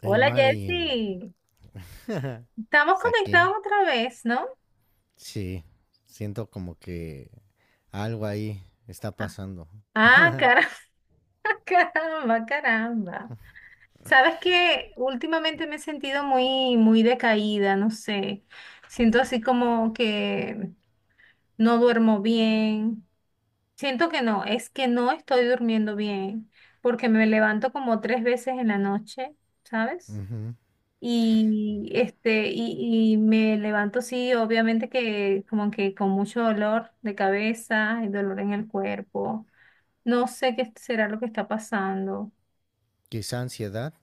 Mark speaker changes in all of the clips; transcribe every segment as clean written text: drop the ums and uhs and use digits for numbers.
Speaker 1: Hey
Speaker 2: Hola
Speaker 1: Mari,
Speaker 2: Jersey, estamos
Speaker 1: saqué.
Speaker 2: conectados otra vez, ¿no?
Speaker 1: Sí, siento como que algo ahí está pasando.
Speaker 2: Ah, caramba, caramba, caramba. Sabes que últimamente me he sentido muy, muy decaída, no sé. Siento así como que no duermo bien. Siento que no, es que no estoy durmiendo bien, porque me levanto como tres veces en la noche, ¿sabes?
Speaker 1: Ujú.
Speaker 2: Y me levanto, sí, obviamente que como que con mucho dolor de cabeza y dolor en el cuerpo. No sé qué será lo que está pasando.
Speaker 1: Quizá ansiedad.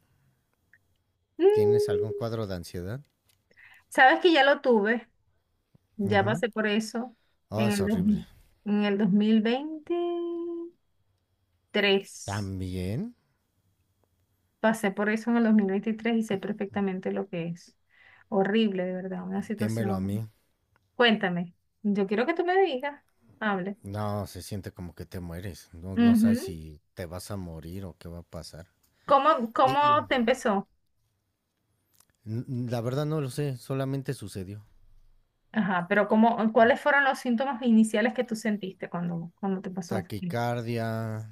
Speaker 1: ¿Tienes algún
Speaker 2: Mm,
Speaker 1: cuadro de ansiedad?
Speaker 2: sabes que ya lo tuve, ya
Speaker 1: Ujú.
Speaker 2: pasé por eso
Speaker 1: Oh,
Speaker 2: en
Speaker 1: es
Speaker 2: el, dos-
Speaker 1: horrible.
Speaker 2: en el 2023.
Speaker 1: ¿También?
Speaker 2: Pasé por eso en el 2023 y sé perfectamente lo que es. Horrible, de verdad, una
Speaker 1: Démelo a
Speaker 2: situación.
Speaker 1: mí.
Speaker 2: Cuéntame, yo quiero que tú me digas, hable.
Speaker 1: No, se siente como que te mueres. No, no sabes
Speaker 2: Ujú.
Speaker 1: si te vas a morir o qué va a pasar.
Speaker 2: ¿Cómo,
Speaker 1: Di- mm,
Speaker 2: cómo te empezó?
Speaker 1: La verdad no lo sé, solamente sucedió.
Speaker 2: Ajá, pero cómo, ¿cuáles fueron los síntomas iniciales que tú sentiste cuando te pasó?
Speaker 1: Taquicardia,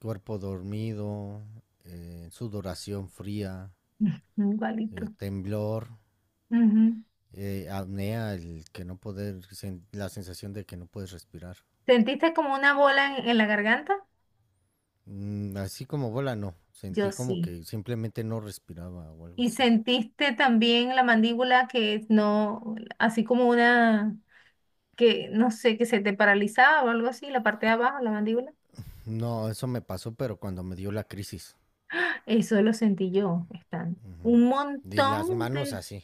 Speaker 1: cuerpo dormido, sudoración fría,
Speaker 2: Igualito.
Speaker 1: temblor,
Speaker 2: Ujú.
Speaker 1: apnea, el que no poder, la sensación de que no puedes respirar.
Speaker 2: ¿Sentiste como una bola en la garganta?
Speaker 1: Así como bola, no.
Speaker 2: Yo
Speaker 1: Sentí como
Speaker 2: sí.
Speaker 1: que simplemente no respiraba o algo
Speaker 2: ¿Y
Speaker 1: así.
Speaker 2: sentiste también la mandíbula que no, así como una, que no sé, que se te paralizaba o algo así, la parte de abajo, la mandíbula?
Speaker 1: No, eso me pasó, pero cuando me dio la crisis.
Speaker 2: Eso lo sentí yo, están.
Speaker 1: Ujú.
Speaker 2: Un
Speaker 1: Y las
Speaker 2: montón
Speaker 1: manos
Speaker 2: de.
Speaker 1: así.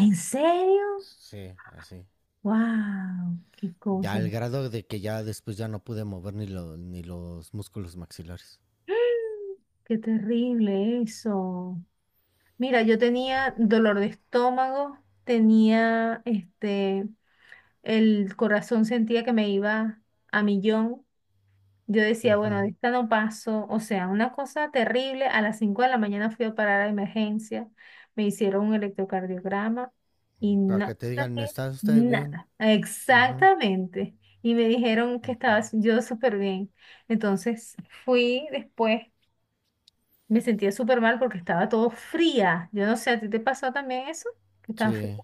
Speaker 2: ¿En serio?
Speaker 1: Sí, así.
Speaker 2: ¡Wow! ¡Qué
Speaker 1: Ya
Speaker 2: cosa!
Speaker 1: al grado de que ya después ya no pude mover ni los músculos maxilares.
Speaker 2: Qué terrible eso. Mira, yo tenía dolor de estómago, tenía el corazón sentía que me iba a millón. Yo decía, bueno, de
Speaker 1: Ujú.
Speaker 2: esta no paso. O sea, una cosa terrible. A las 5 de la mañana fui a parar a emergencia. Me hicieron un electrocardiograma y
Speaker 1: Para que
Speaker 2: no
Speaker 1: te digan,
Speaker 2: saqué
Speaker 1: ¿está usted bien?
Speaker 2: nada.
Speaker 1: Ujú,
Speaker 2: Exactamente. Y me dijeron que estaba
Speaker 1: ujú.
Speaker 2: yo súper bien. Entonces fui después me sentía súper mal porque estaba todo fría. Yo no sé, ¿a ti te pasó también eso? ¿Qué tan fría?
Speaker 1: Sí.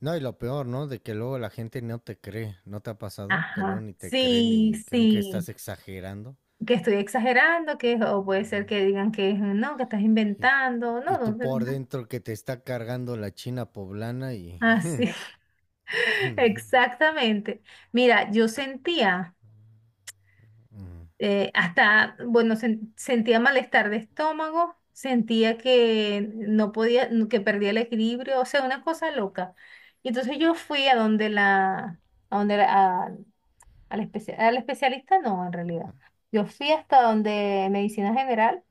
Speaker 1: No, y lo peor, ¿no?, de que luego la gente no te cree. ¿No te ha pasado? Que luego
Speaker 2: Ajá.
Speaker 1: ni te creen
Speaker 2: Sí,
Speaker 1: y creen que
Speaker 2: sí.
Speaker 1: estás exagerando.
Speaker 2: Que estoy exagerando, que o puede ser que digan que no, que estás
Speaker 1: Y,
Speaker 2: inventando.
Speaker 1: y
Speaker 2: No,
Speaker 1: tú
Speaker 2: no, no,
Speaker 1: por
Speaker 2: no.
Speaker 1: dentro que te está cargando la China poblana y...
Speaker 2: Así. Exactamente. Mira, yo sentía
Speaker 1: Ujú,
Speaker 2: hasta, bueno, sentía malestar de estómago, sentía que no podía, que perdía el equilibrio, o sea, una cosa loca. Y entonces yo fui a donde la, al especialista no, en realidad. Yo fui hasta donde medicina general.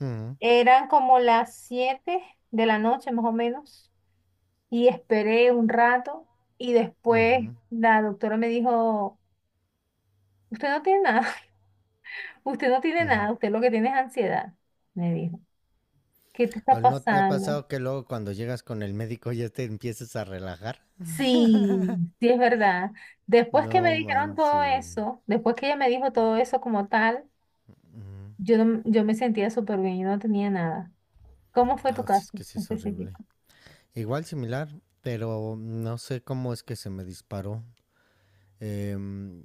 Speaker 1: ujú,
Speaker 2: Eran como las 7 de la noche más o menos. Y esperé un rato. Y después
Speaker 1: ujú,
Speaker 2: la doctora me dijo, usted no tiene nada, usted no tiene
Speaker 1: ujú.
Speaker 2: nada, usted lo que tiene es ansiedad. Me dijo, ¿qué te está
Speaker 1: ¿O ¿No te ha
Speaker 2: pasando?
Speaker 1: pasado que luego cuando llegas con el médico ya te empiezas a relajar?
Speaker 2: Sí, sí es verdad. Después que
Speaker 1: No
Speaker 2: me dijeron todo
Speaker 1: manches.
Speaker 2: eso, después que ella me dijo todo eso como tal,
Speaker 1: Ujú.
Speaker 2: yo, no- yo me sentía súper bien, yo no tenía nada. ¿Cómo fue tu
Speaker 1: No, es
Speaker 2: caso
Speaker 1: que sí es horrible.
Speaker 2: específico?
Speaker 1: Igual similar, pero no sé cómo es que se me disparó. Em,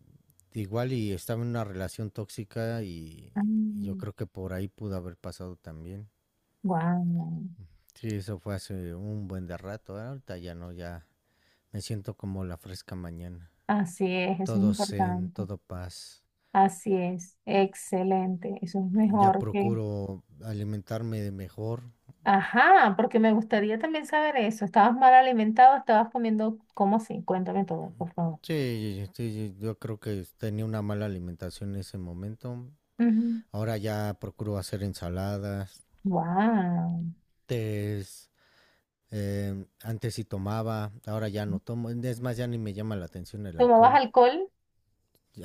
Speaker 1: Igual y estaba en una relación tóxica y yo creo que por ahí pudo haber pasado también.
Speaker 2: Wow.
Speaker 1: Sí, eso fue hace un buen de rato, ¿eh? Ahorita ya no, ya me siento como la fresca mañana.
Speaker 2: Así es, eso es
Speaker 1: Todo zen,
Speaker 2: importante.
Speaker 1: todo paz.
Speaker 2: Así es, excelente. Eso es
Speaker 1: Ya
Speaker 2: mejor que.
Speaker 1: procuro alimentarme de mejor.
Speaker 2: Ajá, porque me gustaría también saber eso. ¿Estabas mal alimentado? ¿Estabas comiendo? ¿Cómo así? Cuéntame todo, por favor.
Speaker 1: Sí, sí, sí, yo creo que tenía una mala alimentación en ese momento. Ahora ya procuro hacer ensaladas,
Speaker 2: Wow.
Speaker 1: tés. Antes sí tomaba, ahora ya no tomo. Es más, ya ni me llama la atención el
Speaker 2: ¿Tomabas
Speaker 1: alcohol.
Speaker 2: alcohol?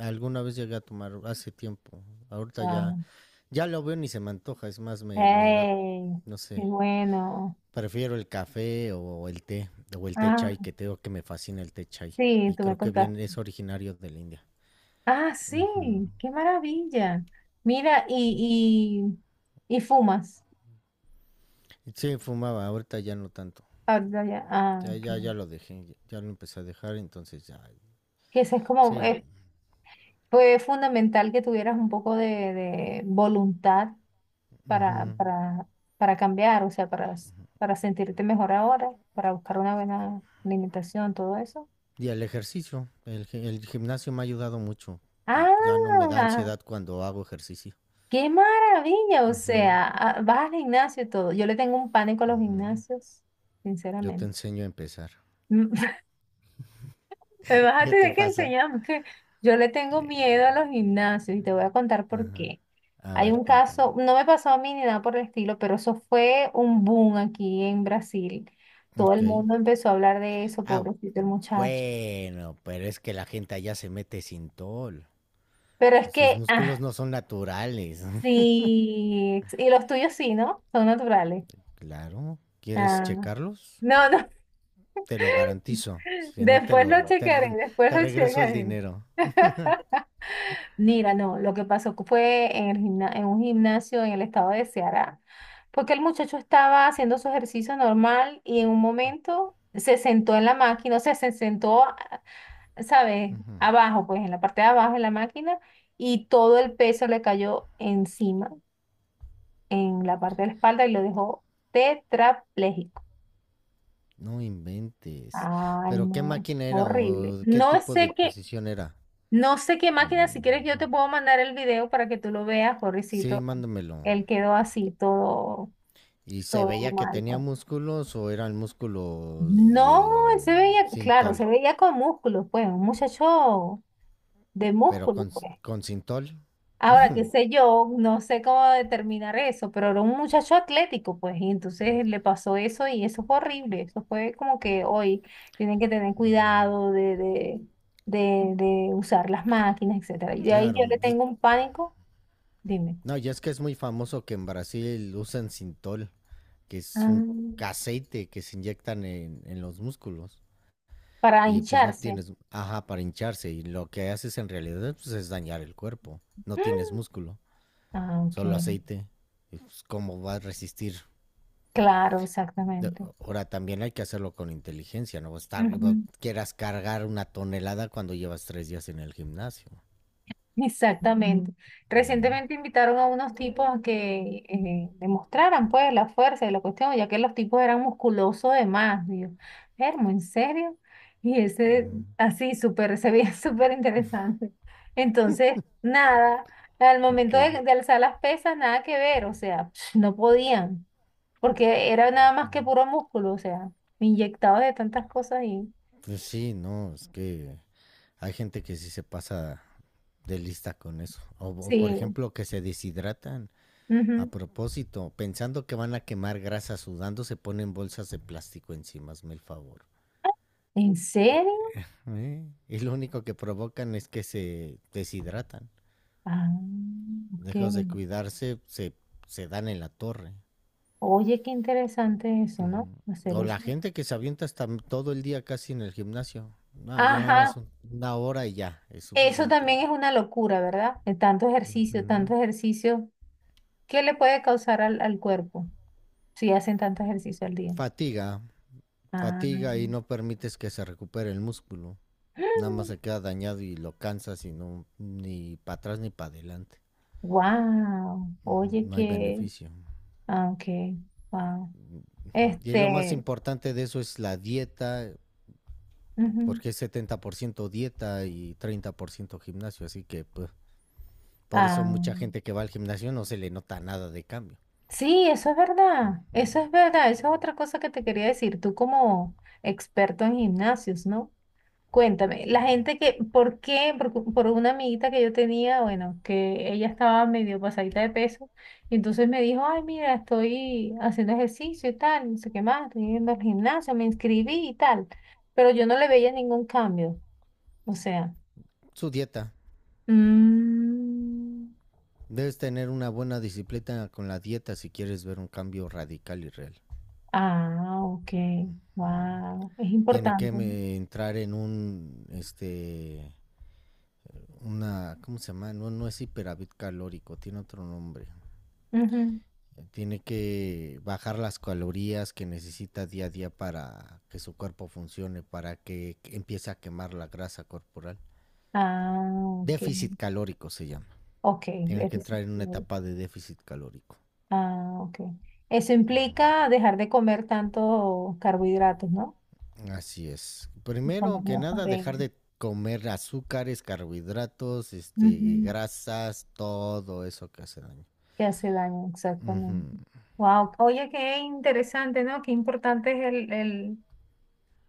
Speaker 1: Alguna vez llegué a tomar hace tiempo. Ahorita ya,
Speaker 2: Wow.
Speaker 1: ya lo veo ni se me antoja. Es más, me da,
Speaker 2: ¡Hey!
Speaker 1: no
Speaker 2: ¡Qué
Speaker 1: sé.
Speaker 2: bueno!
Speaker 1: Prefiero el café o el té
Speaker 2: Ah,
Speaker 1: chai, que tengo que me fascina el té chai.
Speaker 2: sí,
Speaker 1: Y
Speaker 2: tú me
Speaker 1: creo que
Speaker 2: contaste.
Speaker 1: bien es originario de la India.
Speaker 2: Ah, sí,
Speaker 1: Ujú.
Speaker 2: qué maravilla. Mira, y fumas.
Speaker 1: Sí, fumaba, ahorita ya no tanto.
Speaker 2: Ah, ya, ya, ah,
Speaker 1: Ya,
Speaker 2: ok.
Speaker 1: ya, ya lo dejé, ya lo empecé a dejar, entonces ya.
Speaker 2: Que eso es como,
Speaker 1: Sí,
Speaker 2: fue fundamental que tuvieras un poco de voluntad para,
Speaker 1: ujú.
Speaker 2: para, para cambiar, o sea, para sentirte mejor ahora, para buscar una buena alimentación, todo eso.
Speaker 1: Y el ejercicio, el gimnasio me ha ayudado mucho. Ya no me da
Speaker 2: Ah,
Speaker 1: ansiedad cuando hago ejercicio.
Speaker 2: qué maravilla, o
Speaker 1: Ujú.
Speaker 2: sea, ah, vas al gimnasio y todo. Yo le tengo un pánico a los gimnasios,
Speaker 1: Yo te
Speaker 2: sinceramente.
Speaker 1: enseño a empezar.
Speaker 2: M- Me vas a
Speaker 1: ¿Qué te
Speaker 2: tener que
Speaker 1: pasa?
Speaker 2: enseñar porque yo le tengo
Speaker 1: Eh,
Speaker 2: miedo a los gimnasios y te voy a contar por
Speaker 1: ajá.
Speaker 2: qué.
Speaker 1: A
Speaker 2: Hay
Speaker 1: ver,
Speaker 2: un
Speaker 1: cuéntame.
Speaker 2: caso, no me pasó a mí ni nada por el estilo, pero eso fue un boom aquí en Brasil. Todo
Speaker 1: Ok.
Speaker 2: el mundo empezó a hablar de eso,
Speaker 1: Ah,
Speaker 2: pobrecito el muchacho.
Speaker 1: bueno, pero es que la gente allá se mete sintol.
Speaker 2: Pero es
Speaker 1: Sus
Speaker 2: que,
Speaker 1: músculos
Speaker 2: ah,
Speaker 1: no son naturales.
Speaker 2: sí, y los tuyos sí, ¿no? Son naturales.
Speaker 1: Claro. ¿Quieres
Speaker 2: Ah,
Speaker 1: checarlos?
Speaker 2: no, no,
Speaker 1: Te lo garantizo. Si no, te
Speaker 2: después
Speaker 1: lo
Speaker 2: lo chequearé,
Speaker 1: re-
Speaker 2: después
Speaker 1: te
Speaker 2: lo
Speaker 1: regreso el
Speaker 2: chequearé.
Speaker 1: dinero.
Speaker 2: Mira, no, lo que pasó fue en un gimnasio en el estado de Ceará, porque el muchacho estaba haciendo su ejercicio normal y en un momento se sentó en la máquina, o sea, se sentó, ¿sabes?
Speaker 1: Ujú.
Speaker 2: Abajo, pues en la parte de abajo de la máquina y todo el peso le cayó encima, en la parte de la espalda y lo dejó tetrapléjico.
Speaker 1: No inventes.
Speaker 2: Ay,
Speaker 1: ¿Pero qué
Speaker 2: no,
Speaker 1: máquina era
Speaker 2: horrible.
Speaker 1: o qué
Speaker 2: No
Speaker 1: tipo de
Speaker 2: sé qué.
Speaker 1: posición era?
Speaker 2: No sé qué máquina, si quieres yo
Speaker 1: Mm,
Speaker 2: te puedo mandar el video para que tú lo veas,
Speaker 1: Sí,
Speaker 2: pobrecito.
Speaker 1: mándamelo.
Speaker 2: Él quedó así, todo,
Speaker 1: ¿Y se
Speaker 2: todo
Speaker 1: veía que
Speaker 2: mal,
Speaker 1: tenía
Speaker 2: pues.
Speaker 1: músculos o eran músculos
Speaker 2: No, él se
Speaker 1: de
Speaker 2: veía, claro, se
Speaker 1: Sintol?
Speaker 2: veía con músculos, pues, un muchacho de
Speaker 1: Pero
Speaker 2: músculos,
Speaker 1: con,
Speaker 2: pues.
Speaker 1: con Sintol,
Speaker 2: Ahora, qué sé yo, no sé cómo determinar eso, pero era un muchacho atlético, pues, y entonces le pasó eso y eso fue horrible. Eso fue como que hoy tienen que tener cuidado de usar las máquinas, etcétera. Y de ahí yo
Speaker 1: claro,
Speaker 2: le
Speaker 1: pues.
Speaker 2: tengo un pánico, dime.
Speaker 1: No, ya es que es muy famoso que en Brasil usan Sintol, que es un
Speaker 2: Ah,
Speaker 1: aceite que se inyectan en los músculos.
Speaker 2: para
Speaker 1: Y pues no
Speaker 2: hincharse.
Speaker 1: tienes, ajá, para hincharse. Y lo que haces en realidad, pues, es dañar el cuerpo. No tienes músculo,
Speaker 2: Ah, ok.
Speaker 1: solo aceite, pues. ¿Cómo va a resistir?
Speaker 2: Claro, exactamente.
Speaker 1: Ahora también hay que hacerlo con inteligencia, ¿no? Estar, no
Speaker 2: Ujú,
Speaker 1: quieras cargar una tonelada cuando llevas 3 días en el gimnasio,
Speaker 2: exactamente.
Speaker 1: ¿no?
Speaker 2: Recientemente invitaron a unos tipos a que demostraran pues la fuerza de la cuestión, ya que los tipos eran musculosos de más. Digo, Hermo, ¿en serio? Y ese así súper, se veía súper interesante. Entonces, nada, al
Speaker 1: Ok.
Speaker 2: momento de alzar las pesas, nada que ver, o sea, no podían. Porque era nada más que puro músculo, o sea, inyectado de tantas cosas y
Speaker 1: Pues sí, no, es que hay gente que sí se pasa de lista con eso. O, por
Speaker 2: sí.
Speaker 1: ejemplo, que se deshidratan a
Speaker 2: Ujú.
Speaker 1: propósito, pensando que van a quemar grasa sudando, se ponen bolsas de plástico encima, hazme el favor.
Speaker 2: ¿En serio?
Speaker 1: ¿Eh? Y lo único que provocan es que se deshidratan.
Speaker 2: Ah, ok.
Speaker 1: Dejas de cuidarse, se dan en la torre.
Speaker 2: Oye, qué interesante eso, ¿no?
Speaker 1: Ujú.
Speaker 2: Hacer
Speaker 1: O la
Speaker 2: eso.
Speaker 1: gente que se avienta hasta todo el día casi en el gimnasio. No, yo nada más
Speaker 2: Ajá,
Speaker 1: 1 hora y ya, es
Speaker 2: eso
Speaker 1: suficiente.
Speaker 2: también es una locura, ¿verdad? De tanto
Speaker 1: Ujú.
Speaker 2: ejercicio, ¿qué le puede causar al cuerpo si hacen tanto ejercicio al día?
Speaker 1: Fatiga,
Speaker 2: Ah,
Speaker 1: fatiga y no permites que se recupere el músculo. Nada más se queda dañado y lo cansas y no, ni para atrás ni para adelante.
Speaker 2: wow,
Speaker 1: Ujú,
Speaker 2: oye,
Speaker 1: no hay
Speaker 2: qué,
Speaker 1: beneficio.
Speaker 2: ah, ok, wow.
Speaker 1: Ujú. Y lo más
Speaker 2: Este,
Speaker 1: importante de eso es la dieta,
Speaker 2: Ujú,
Speaker 1: porque es 70% dieta y 30% gimnasio, así que pues, por eso
Speaker 2: ah.
Speaker 1: mucha gente que va al gimnasio no se le nota nada de cambio.
Speaker 2: Sí, eso es verdad, eso es verdad, eso es otra cosa que te quería decir, tú como experto en gimnasios, ¿no? Cuéntame, la gente que, ¿por qué? Por una amiguita que yo tenía, bueno, que ella estaba medio pasadita de peso, y entonces me dijo, ay, mira, estoy haciendo ejercicio y tal, no sé qué más, estoy yendo al gimnasio, me inscribí y tal, pero yo no le veía ningún cambio, o sea,
Speaker 1: Su dieta.
Speaker 2: mm,
Speaker 1: Debes tener una buena disciplina con la dieta si quieres ver un cambio radical y real.
Speaker 2: ah, ok,
Speaker 1: Mm.
Speaker 2: wow, es
Speaker 1: Tiene que
Speaker 2: importante, ¿no?
Speaker 1: entrar en un, este, una, ¿cómo se llama? No, no es hiperávit calórico, tiene otro nombre.
Speaker 2: Ujú.
Speaker 1: Tiene que bajar las calorías que necesita día a día para que su cuerpo funcione, para que empiece a quemar la grasa corporal.
Speaker 2: Ah, ok.
Speaker 1: Déficit calórico se llama.
Speaker 2: Ok,
Speaker 1: Tiene que
Speaker 2: eres
Speaker 1: entrar en una
Speaker 2: ingeniero.
Speaker 1: etapa de déficit calórico.
Speaker 2: Ah, ok. Eso implica dejar de comer tantos carbohidratos, ¿no?
Speaker 1: Así es.
Speaker 2: Y comer
Speaker 1: Primero que
Speaker 2: menos
Speaker 1: nada, dejar
Speaker 2: proteínas.
Speaker 1: de comer azúcares, carbohidratos, este,
Speaker 2: Ujú,
Speaker 1: grasas, todo eso que hace daño.
Speaker 2: que hace daño,
Speaker 1: Ujú,
Speaker 2: exactamente. Wow. Oye, qué interesante, ¿no? Qué importante es el, el,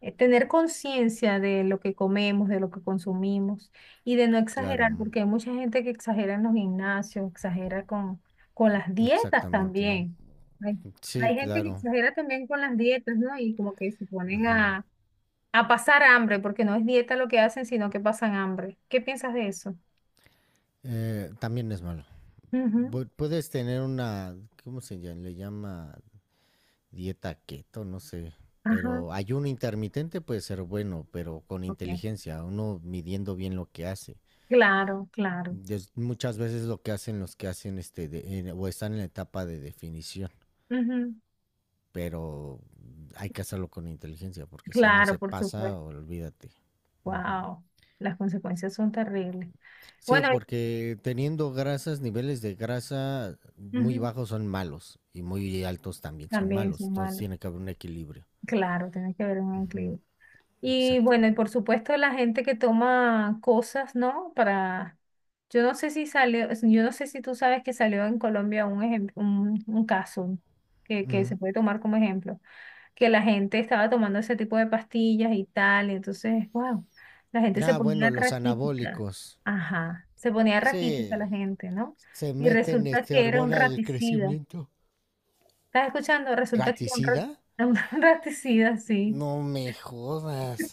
Speaker 2: eh, tener conciencia de lo que comemos, de lo que consumimos y de no exagerar,
Speaker 1: claro,
Speaker 2: porque hay mucha gente que exagera en los gimnasios, exagera con las dietas
Speaker 1: exactamente.
Speaker 2: también. Hay, hay
Speaker 1: Sí,
Speaker 2: gente que
Speaker 1: claro.
Speaker 2: exagera también con las dietas, ¿no? Y como que se ponen a pasar hambre, porque no es dieta lo que hacen, sino que pasan hambre. ¿Qué piensas de eso?
Speaker 1: También es malo.
Speaker 2: Ujú,
Speaker 1: Puedes tener una, ¿cómo se llama? Le llama dieta keto, no sé.
Speaker 2: ajá,
Speaker 1: Pero ayuno intermitente puede ser bueno, pero con
Speaker 2: ok.
Speaker 1: inteligencia, uno midiendo bien lo que hace.
Speaker 2: Claro, claro.
Speaker 1: Es muchas veces lo que hacen los que hacen este o están en la etapa de definición,
Speaker 2: Ujú,
Speaker 1: pero hay que hacerlo con inteligencia, porque si uno
Speaker 2: claro,
Speaker 1: se
Speaker 2: por
Speaker 1: pasa,
Speaker 2: supuesto.
Speaker 1: olvídate. Ujú.
Speaker 2: Wow, las consecuencias son terribles.
Speaker 1: Sí,
Speaker 2: Bueno,
Speaker 1: porque teniendo grasas, niveles de grasa muy
Speaker 2: ujú.
Speaker 1: bajos son malos y muy altos también son
Speaker 2: También
Speaker 1: malos.
Speaker 2: son
Speaker 1: Entonces
Speaker 2: malos.
Speaker 1: tiene que haber un equilibrio.
Speaker 2: Claro, tiene que haber un equilibrio. Y
Speaker 1: Exacto.
Speaker 2: bueno, y por supuesto la gente que toma cosas, ¿no? Para, yo no sé si salió, yo no sé si tú sabes que salió en Colombia un caso que
Speaker 1: Ujú.
Speaker 2: se puede tomar como ejemplo, que la gente estaba tomando ese tipo de pastillas y tal, y entonces, wow, la gente se
Speaker 1: Ah, bueno,
Speaker 2: ponía
Speaker 1: los
Speaker 2: raquítica.
Speaker 1: anabólicos.
Speaker 2: Ajá, se ponía raquítica
Speaker 1: Sí,
Speaker 2: la gente, ¿no?
Speaker 1: se
Speaker 2: Y
Speaker 1: meten
Speaker 2: resulta
Speaker 1: este
Speaker 2: que era un
Speaker 1: hormona del
Speaker 2: raticida.
Speaker 1: crecimiento.
Speaker 2: ¿Estás escuchando? Resulta que era
Speaker 1: ¿Raticida?
Speaker 2: un raticida, sí.
Speaker 1: No me jodas.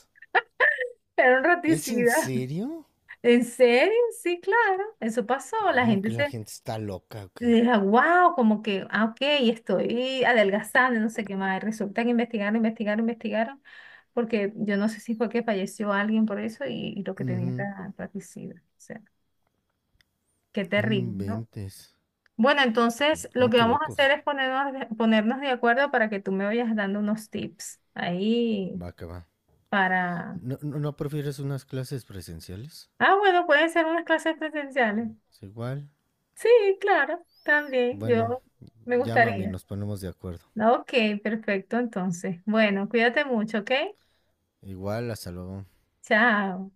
Speaker 2: Era un
Speaker 1: ¿Es en
Speaker 2: raticida.
Speaker 1: serio?
Speaker 2: ¿En serio? Sí, claro. Eso pasó. La
Speaker 1: Bueno, que
Speaker 2: gente
Speaker 1: la
Speaker 2: se
Speaker 1: gente está loca, ¿o qué?
Speaker 2: deja, wow, como que, ah, ok, estoy adelgazando, no sé qué más. Resulta que investigaron, investigaron, investigaron, porque yo no sé si fue que falleció alguien por eso y lo que tenía
Speaker 1: Ujú,
Speaker 2: era raticida. O sea, qué
Speaker 1: no
Speaker 2: terrible, ¿no?
Speaker 1: inventes.
Speaker 2: Bueno, entonces lo
Speaker 1: ¿Cómo
Speaker 2: que
Speaker 1: que
Speaker 2: vamos a hacer
Speaker 1: locos?
Speaker 2: es ponernos, ponernos de acuerdo para que tú me vayas dando unos tips ahí
Speaker 1: Va que va.
Speaker 2: para.
Speaker 1: ¿No, no, no prefieres unas clases presenciales?
Speaker 2: Ah, bueno, pueden ser unas clases presenciales.
Speaker 1: Es igual.
Speaker 2: Sí, claro, también,
Speaker 1: Bueno,
Speaker 2: yo me
Speaker 1: llámame y
Speaker 2: gustaría.
Speaker 1: nos ponemos de acuerdo.
Speaker 2: Ok, perfecto, entonces. Bueno, cuídate mucho, ¿ok?
Speaker 1: Igual, hasta luego.
Speaker 2: Chao.